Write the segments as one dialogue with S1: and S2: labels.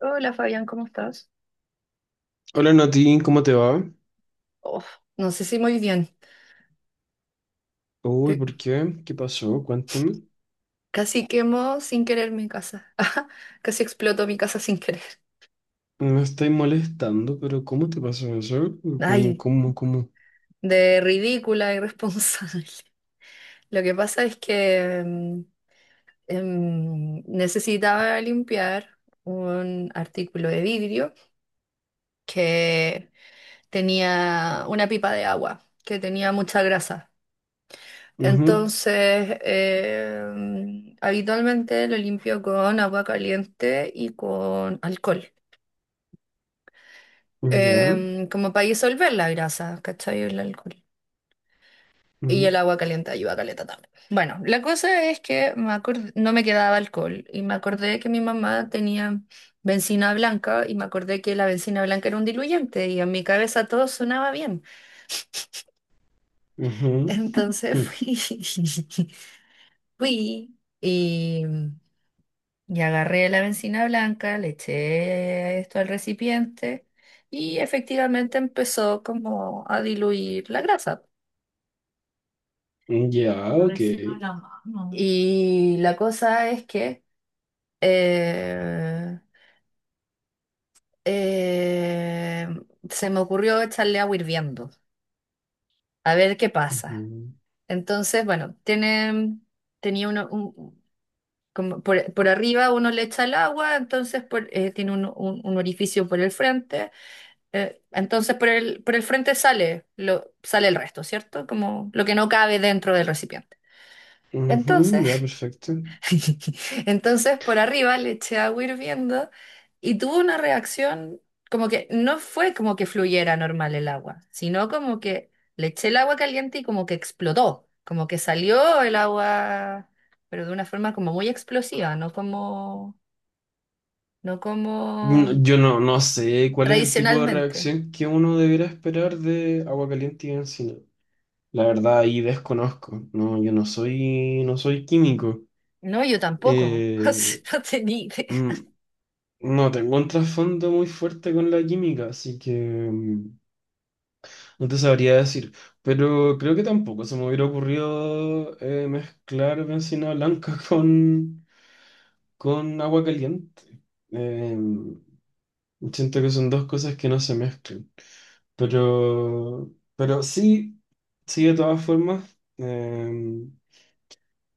S1: Hola Fabián, ¿cómo estás?
S2: Hola Nati, ¿cómo te va?
S1: Oh, no sé si muy bien.
S2: Uy,
S1: Te-
S2: ¿por qué? ¿Qué pasó? Cuéntame.
S1: Casi quemó sin querer mi casa. Ajá, casi explotó mi casa sin querer.
S2: No me estoy molestando, pero ¿cómo te pasó eso? ¿Cómo,
S1: Ay,
S2: cómo, cómo?
S1: de ridícula, irresponsable. Lo que pasa es que necesitaba limpiar un artículo de vidrio que tenía una pipa de agua, que tenía mucha grasa.
S2: Ujú.
S1: Entonces, habitualmente lo limpio con agua caliente y con alcohol,
S2: Ya.
S1: como para disolver la grasa, ¿cachai? El alcohol. Y el
S2: Ujú.
S1: agua caliente ayuda a caleta también. Bueno, la cosa es que no me quedaba alcohol y me acordé que mi mamá tenía bencina blanca y me acordé que la bencina blanca era un diluyente y en mi cabeza todo sonaba bien. Entonces
S2: Ujú.
S1: fui, fui y... y agarré la bencina blanca, le eché esto al recipiente y efectivamente empezó como a diluir la grasa.
S2: Ya, ok.
S1: Reciba la mano. Y la cosa es que eh, eh, se me ocurrió echarle agua hirviendo, a ver qué pasa.
S2: Ujú.
S1: Entonces, bueno, tenía como por arriba uno le echa el agua, tiene un orificio por el frente. Entonces por por el frente sale, sale el resto, ¿cierto? Como lo que no cabe dentro del recipiente.
S2: Ujú,
S1: Entonces,
S2: ya, perfecto.
S1: entonces por arriba le eché agua hirviendo y tuvo una reacción como que no fue como que fluyera normal el agua, sino como que le eché el agua caliente y como que explotó, como que salió el agua, pero de una forma como muy explosiva, no
S2: No,
S1: como
S2: Yo no, no sé cuál es el tipo de
S1: tradicionalmente.
S2: reacción que uno debería esperar de agua caliente y encina. La verdad, ahí desconozco. No, yo no soy, no soy químico.
S1: No, yo tampoco. O sea,
S2: Eh,
S1: no tenía idea.
S2: mm, No tengo un trasfondo muy fuerte con la química, así que mm, no te sabría decir. Pero creo que tampoco se me hubiera ocurrido mezclar bencina blanca con agua caliente. Eh, Siento que son dos cosas que no se mezclan. Pero, pero sí, sí, de todas formas.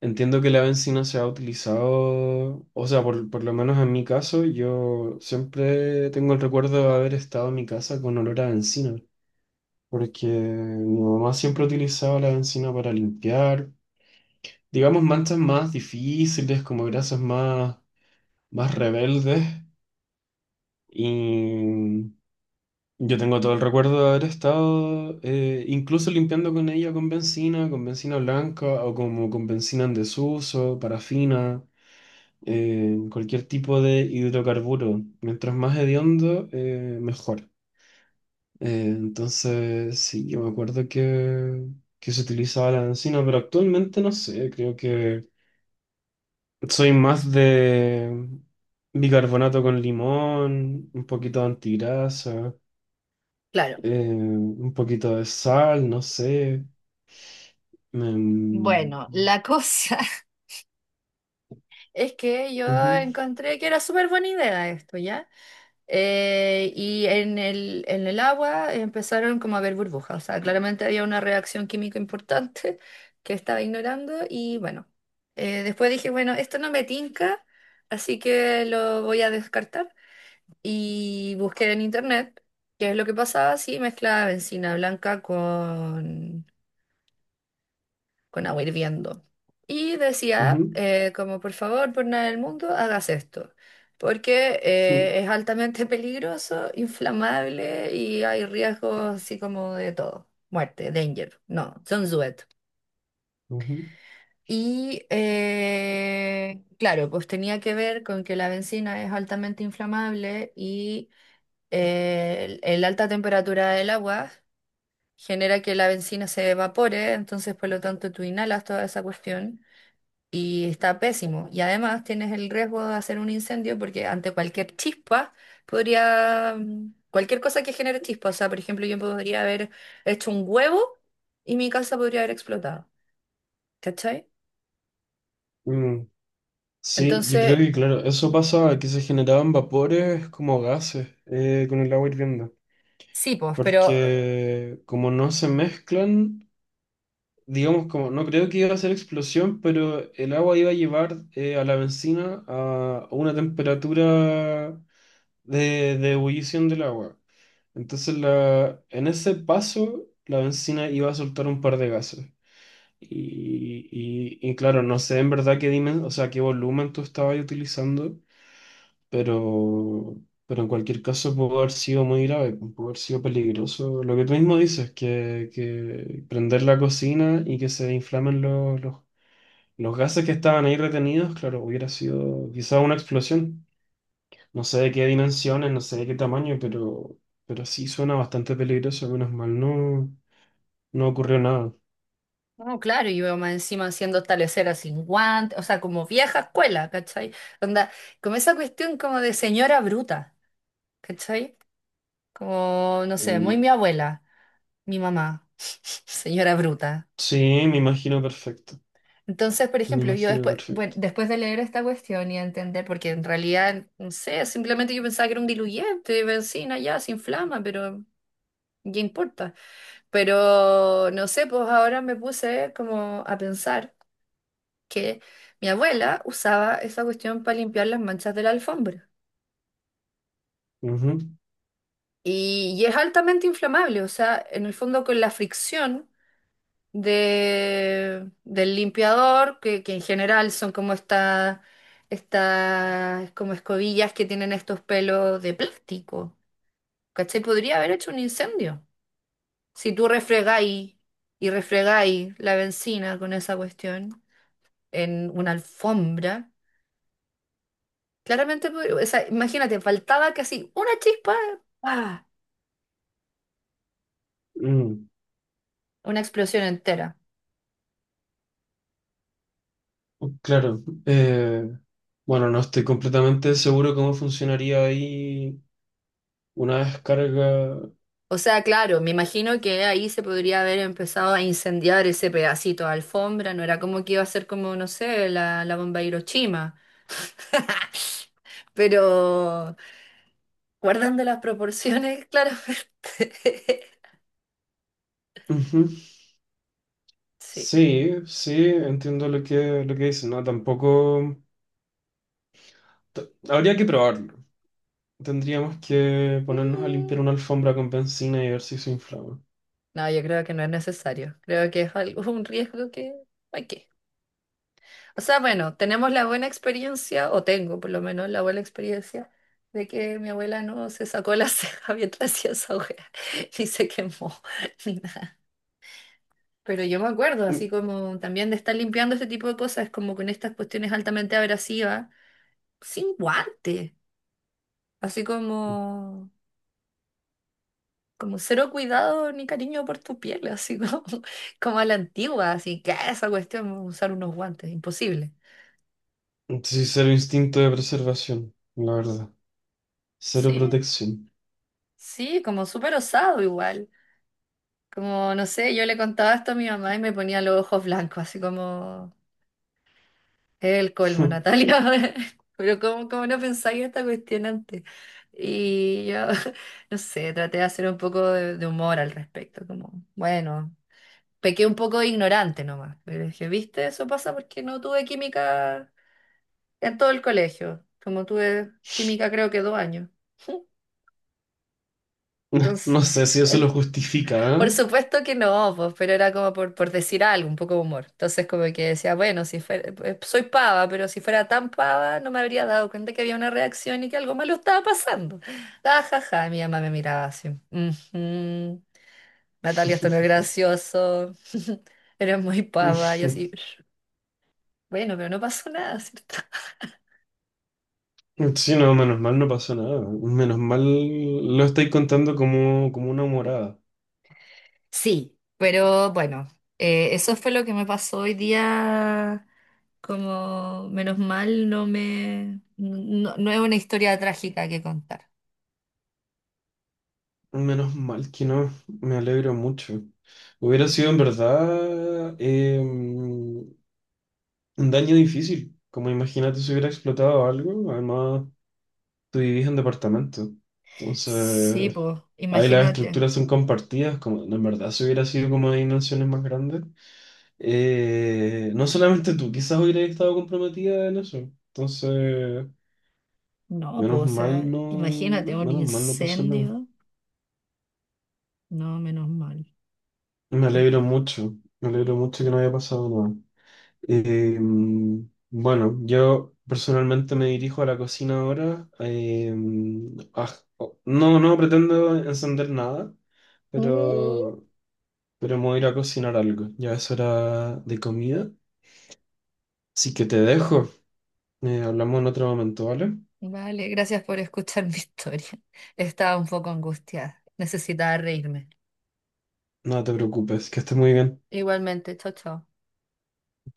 S2: Entiendo que la benzina se ha utilizado, o sea, por lo menos en mi caso, yo siempre tengo el recuerdo de haber estado en mi casa con olor a benzina, porque mi mamá siempre utilizaba la benzina para limpiar, digamos, manchas más difíciles, como grasas más, más rebeldes, y yo tengo todo el recuerdo de haber estado incluso limpiando con ella con benzina blanca o como con benzina en desuso, parafina. Cualquier tipo de hidrocarburo. Mientras más hediondo, mejor. Entonces, sí, yo me acuerdo que se utilizaba la encina, pero actualmente no sé, creo que soy más de bicarbonato con limón, un poquito de antigrasa,
S1: Claro.
S2: un poquito de sal, no sé. Em,
S1: Bueno, la cosa es que yo
S2: ujú,
S1: encontré que era súper buena idea esto, ¿ya? Y en en el agua empezaron como a ver burbujas, o sea, claramente había una reacción química importante que estaba ignorando y bueno, después dije, bueno, esto no me tinca, así que lo voy a descartar y busqué en internet qué es lo que pasaba si mezclaba bencina blanca con agua hirviendo. Y
S2: ujú,
S1: decía, como por favor, por nada del mundo, hagas esto, porque
S2: ujú,
S1: es altamente peligroso, inflamable y hay riesgos así como de todo. Muerte, danger, no, don't do it.
S2: ujú.
S1: Y claro, pues tenía que ver con que la benzina es altamente inflamable y el alta temperatura del agua genera que la benzina se evapore, entonces por lo tanto tú inhalas toda esa cuestión y está pésimo. Y además tienes el riesgo de hacer un incendio porque ante cualquier chispa cualquier cosa que genere chispa, o sea, por ejemplo, yo podría haber hecho un huevo y mi casa podría haber explotado, ¿cachai?
S2: Mm, sí, yo creo
S1: Entonces,
S2: que claro, eso pasaba, que se generaban vapores como gases con el agua hirviendo,
S1: sí, pues,
S2: porque como no se mezclan, digamos como, no creo que iba a ser explosión, pero el agua iba a llevar a la bencina a una temperatura de ebullición del agua. Entonces la, en ese paso la bencina iba a soltar un par de gases. Y, y claro, no sé en verdad qué dimen, o sea, qué volumen tú estabas utilizando pero, pero en cualquier caso pudo haber sido muy grave, pudo haber sido peligroso. Lo que tú mismo dices, que prender la cocina y que se inflamen los gases que estaban ahí retenidos, claro, hubiera sido quizá una explosión. No sé de qué dimensiones, no sé de qué tamaño, pero sí suena bastante peligroso, menos mal, no, no ocurrió nada.
S1: no, claro, y veo más encima haciendo estaleceras sin guantes, o sea, como vieja escuela, ¿cachai? Onda, como esa cuestión como de señora bruta, ¿cachai? Como, no sé, muy
S2: Mm.
S1: mi abuela, mi mamá, señora bruta.
S2: Sí, me imagino perfecto,
S1: Entonces, por
S2: me
S1: ejemplo, yo
S2: imagino
S1: después, bueno,
S2: perfecto.
S1: después de leer esta cuestión y entender, porque en realidad, no sé, simplemente yo pensaba que era un diluyente, benzina, ya, se inflama, pero ¿qué importa? Pero, no sé, pues ahora me puse como a pensar que mi abuela usaba esa cuestión para limpiar las manchas de la alfombra.
S2: Ujú.
S1: Y es altamente inflamable, o sea, en el fondo con la fricción. Del limpiador, que en general son como estas como escobillas que tienen estos pelos de plástico. ¿Cachai? Podría haber hecho un incendio. Si tú refregáis y refregáis la benzina con esa cuestión en una alfombra, claramente, o sea, imagínate, faltaba casi una chispa, ¡pa!
S2: Mm.
S1: Una explosión entera.
S2: Claro, bueno, no estoy completamente seguro cómo funcionaría ahí una descarga.
S1: O sea, claro, me imagino que ahí se podría haber empezado a incendiar ese pedacito de alfombra, no era como que iba a ser como, no sé, la bomba de Hiroshima. Pero guardando las proporciones, claramente.
S2: Ujú.
S1: Sí.
S2: Sí, sí, entiendo lo lo que dices, ¿no? Tampoco... t- habría que probarlo. Tendríamos que ponernos a limpiar
S1: Mm.
S2: una alfombra con benzina y ver si se inflama.
S1: No, yo creo que no es necesario. Creo que es algo, un riesgo que... ¿Para qué? O sea, bueno, tenemos la buena experiencia, o tengo por lo menos la buena experiencia, de que mi abuela no se sacó la ceja mientras hacía esa hoguera, ni se quemó, ni nada. Pero yo me acuerdo, así
S2: Mm,
S1: como también de estar limpiando este tipo de cosas, como con estas cuestiones altamente abrasivas, sin guante, así como, como cero cuidado ni cariño por tu piel, así como, como a la antigua, así que esa cuestión, usar unos guantes, imposible.
S2: sí, cero instinto de preservación, la verdad. Cero
S1: Sí,
S2: protección.
S1: sí, como súper osado igual. Como, no sé, yo le contaba esto a mi mamá y me ponía los ojos blancos, así como, es el colmo, Natalia. Pero ¿cómo, cómo no pensáis esta cuestión antes? Y yo, no sé, traté de hacer un poco de humor al respecto, como, bueno, pequé un poco de ignorante nomás. Pero dije, ¿viste? Eso pasa porque no tuve química en todo el colegio, como tuve química creo que 2 años.
S2: No
S1: Entonces,
S2: sé si eso lo
S1: por
S2: justifica,
S1: supuesto que no, pues, pero era como por decir algo, un poco de humor. Entonces como que decía, bueno, si fuera, soy pava, pero si fuera tan pava no me habría dado cuenta que había una reacción y que algo malo estaba pasando. Ah, ja, ja, mi mamá me miraba así. "Ujú, Natalia, esto no es gracioso. Eres muy
S2: ¿eh?
S1: pava". Yo así, bueno, pero no pasó nada, ¿cierto?
S2: Sí, no, menos mal no pasó nada. Menos mal lo estáis contando como, como una morada.
S1: Sí, pero bueno, eso fue lo que me pasó hoy día. Como menos mal, no me, no, no es una historia trágica que contar.
S2: Menos mal que no. Me alegro mucho. Hubiera sido en verdad un daño difícil. Como imagínate si hubiera explotado algo. Además, tú vivís en departamento.
S1: Sí,
S2: Entonces,
S1: pues,
S2: ahí las
S1: imagínate.
S2: estructuras son compartidas. Como, en verdad, si hubiera sido como de dimensiones más grandes. No solamente tú, quizás hubieras estado comprometida en eso. Entonces...
S1: No, pues,
S2: Menos
S1: o
S2: mal
S1: sea,
S2: no,
S1: imagínate un
S2: menos mal no pasó nada.
S1: incendio. No, menos mal. Porque-
S2: Me alegro mucho que no haya pasado nada. Eh, bueno, yo personalmente me dirijo a la cocina ahora. Ah, oh, no, no pretendo encender nada,
S1: Mm.
S2: pero, pero me voy a ir a cocinar algo. Ya es hora de comida, así que te dejo. Hablamos en otro momento, ¿vale?
S1: Vale, gracias por escuchar mi historia. Estaba un poco angustiada. Necesitaba reírme.
S2: No te preocupes, que estés muy bien.
S1: Igualmente, chao, chao.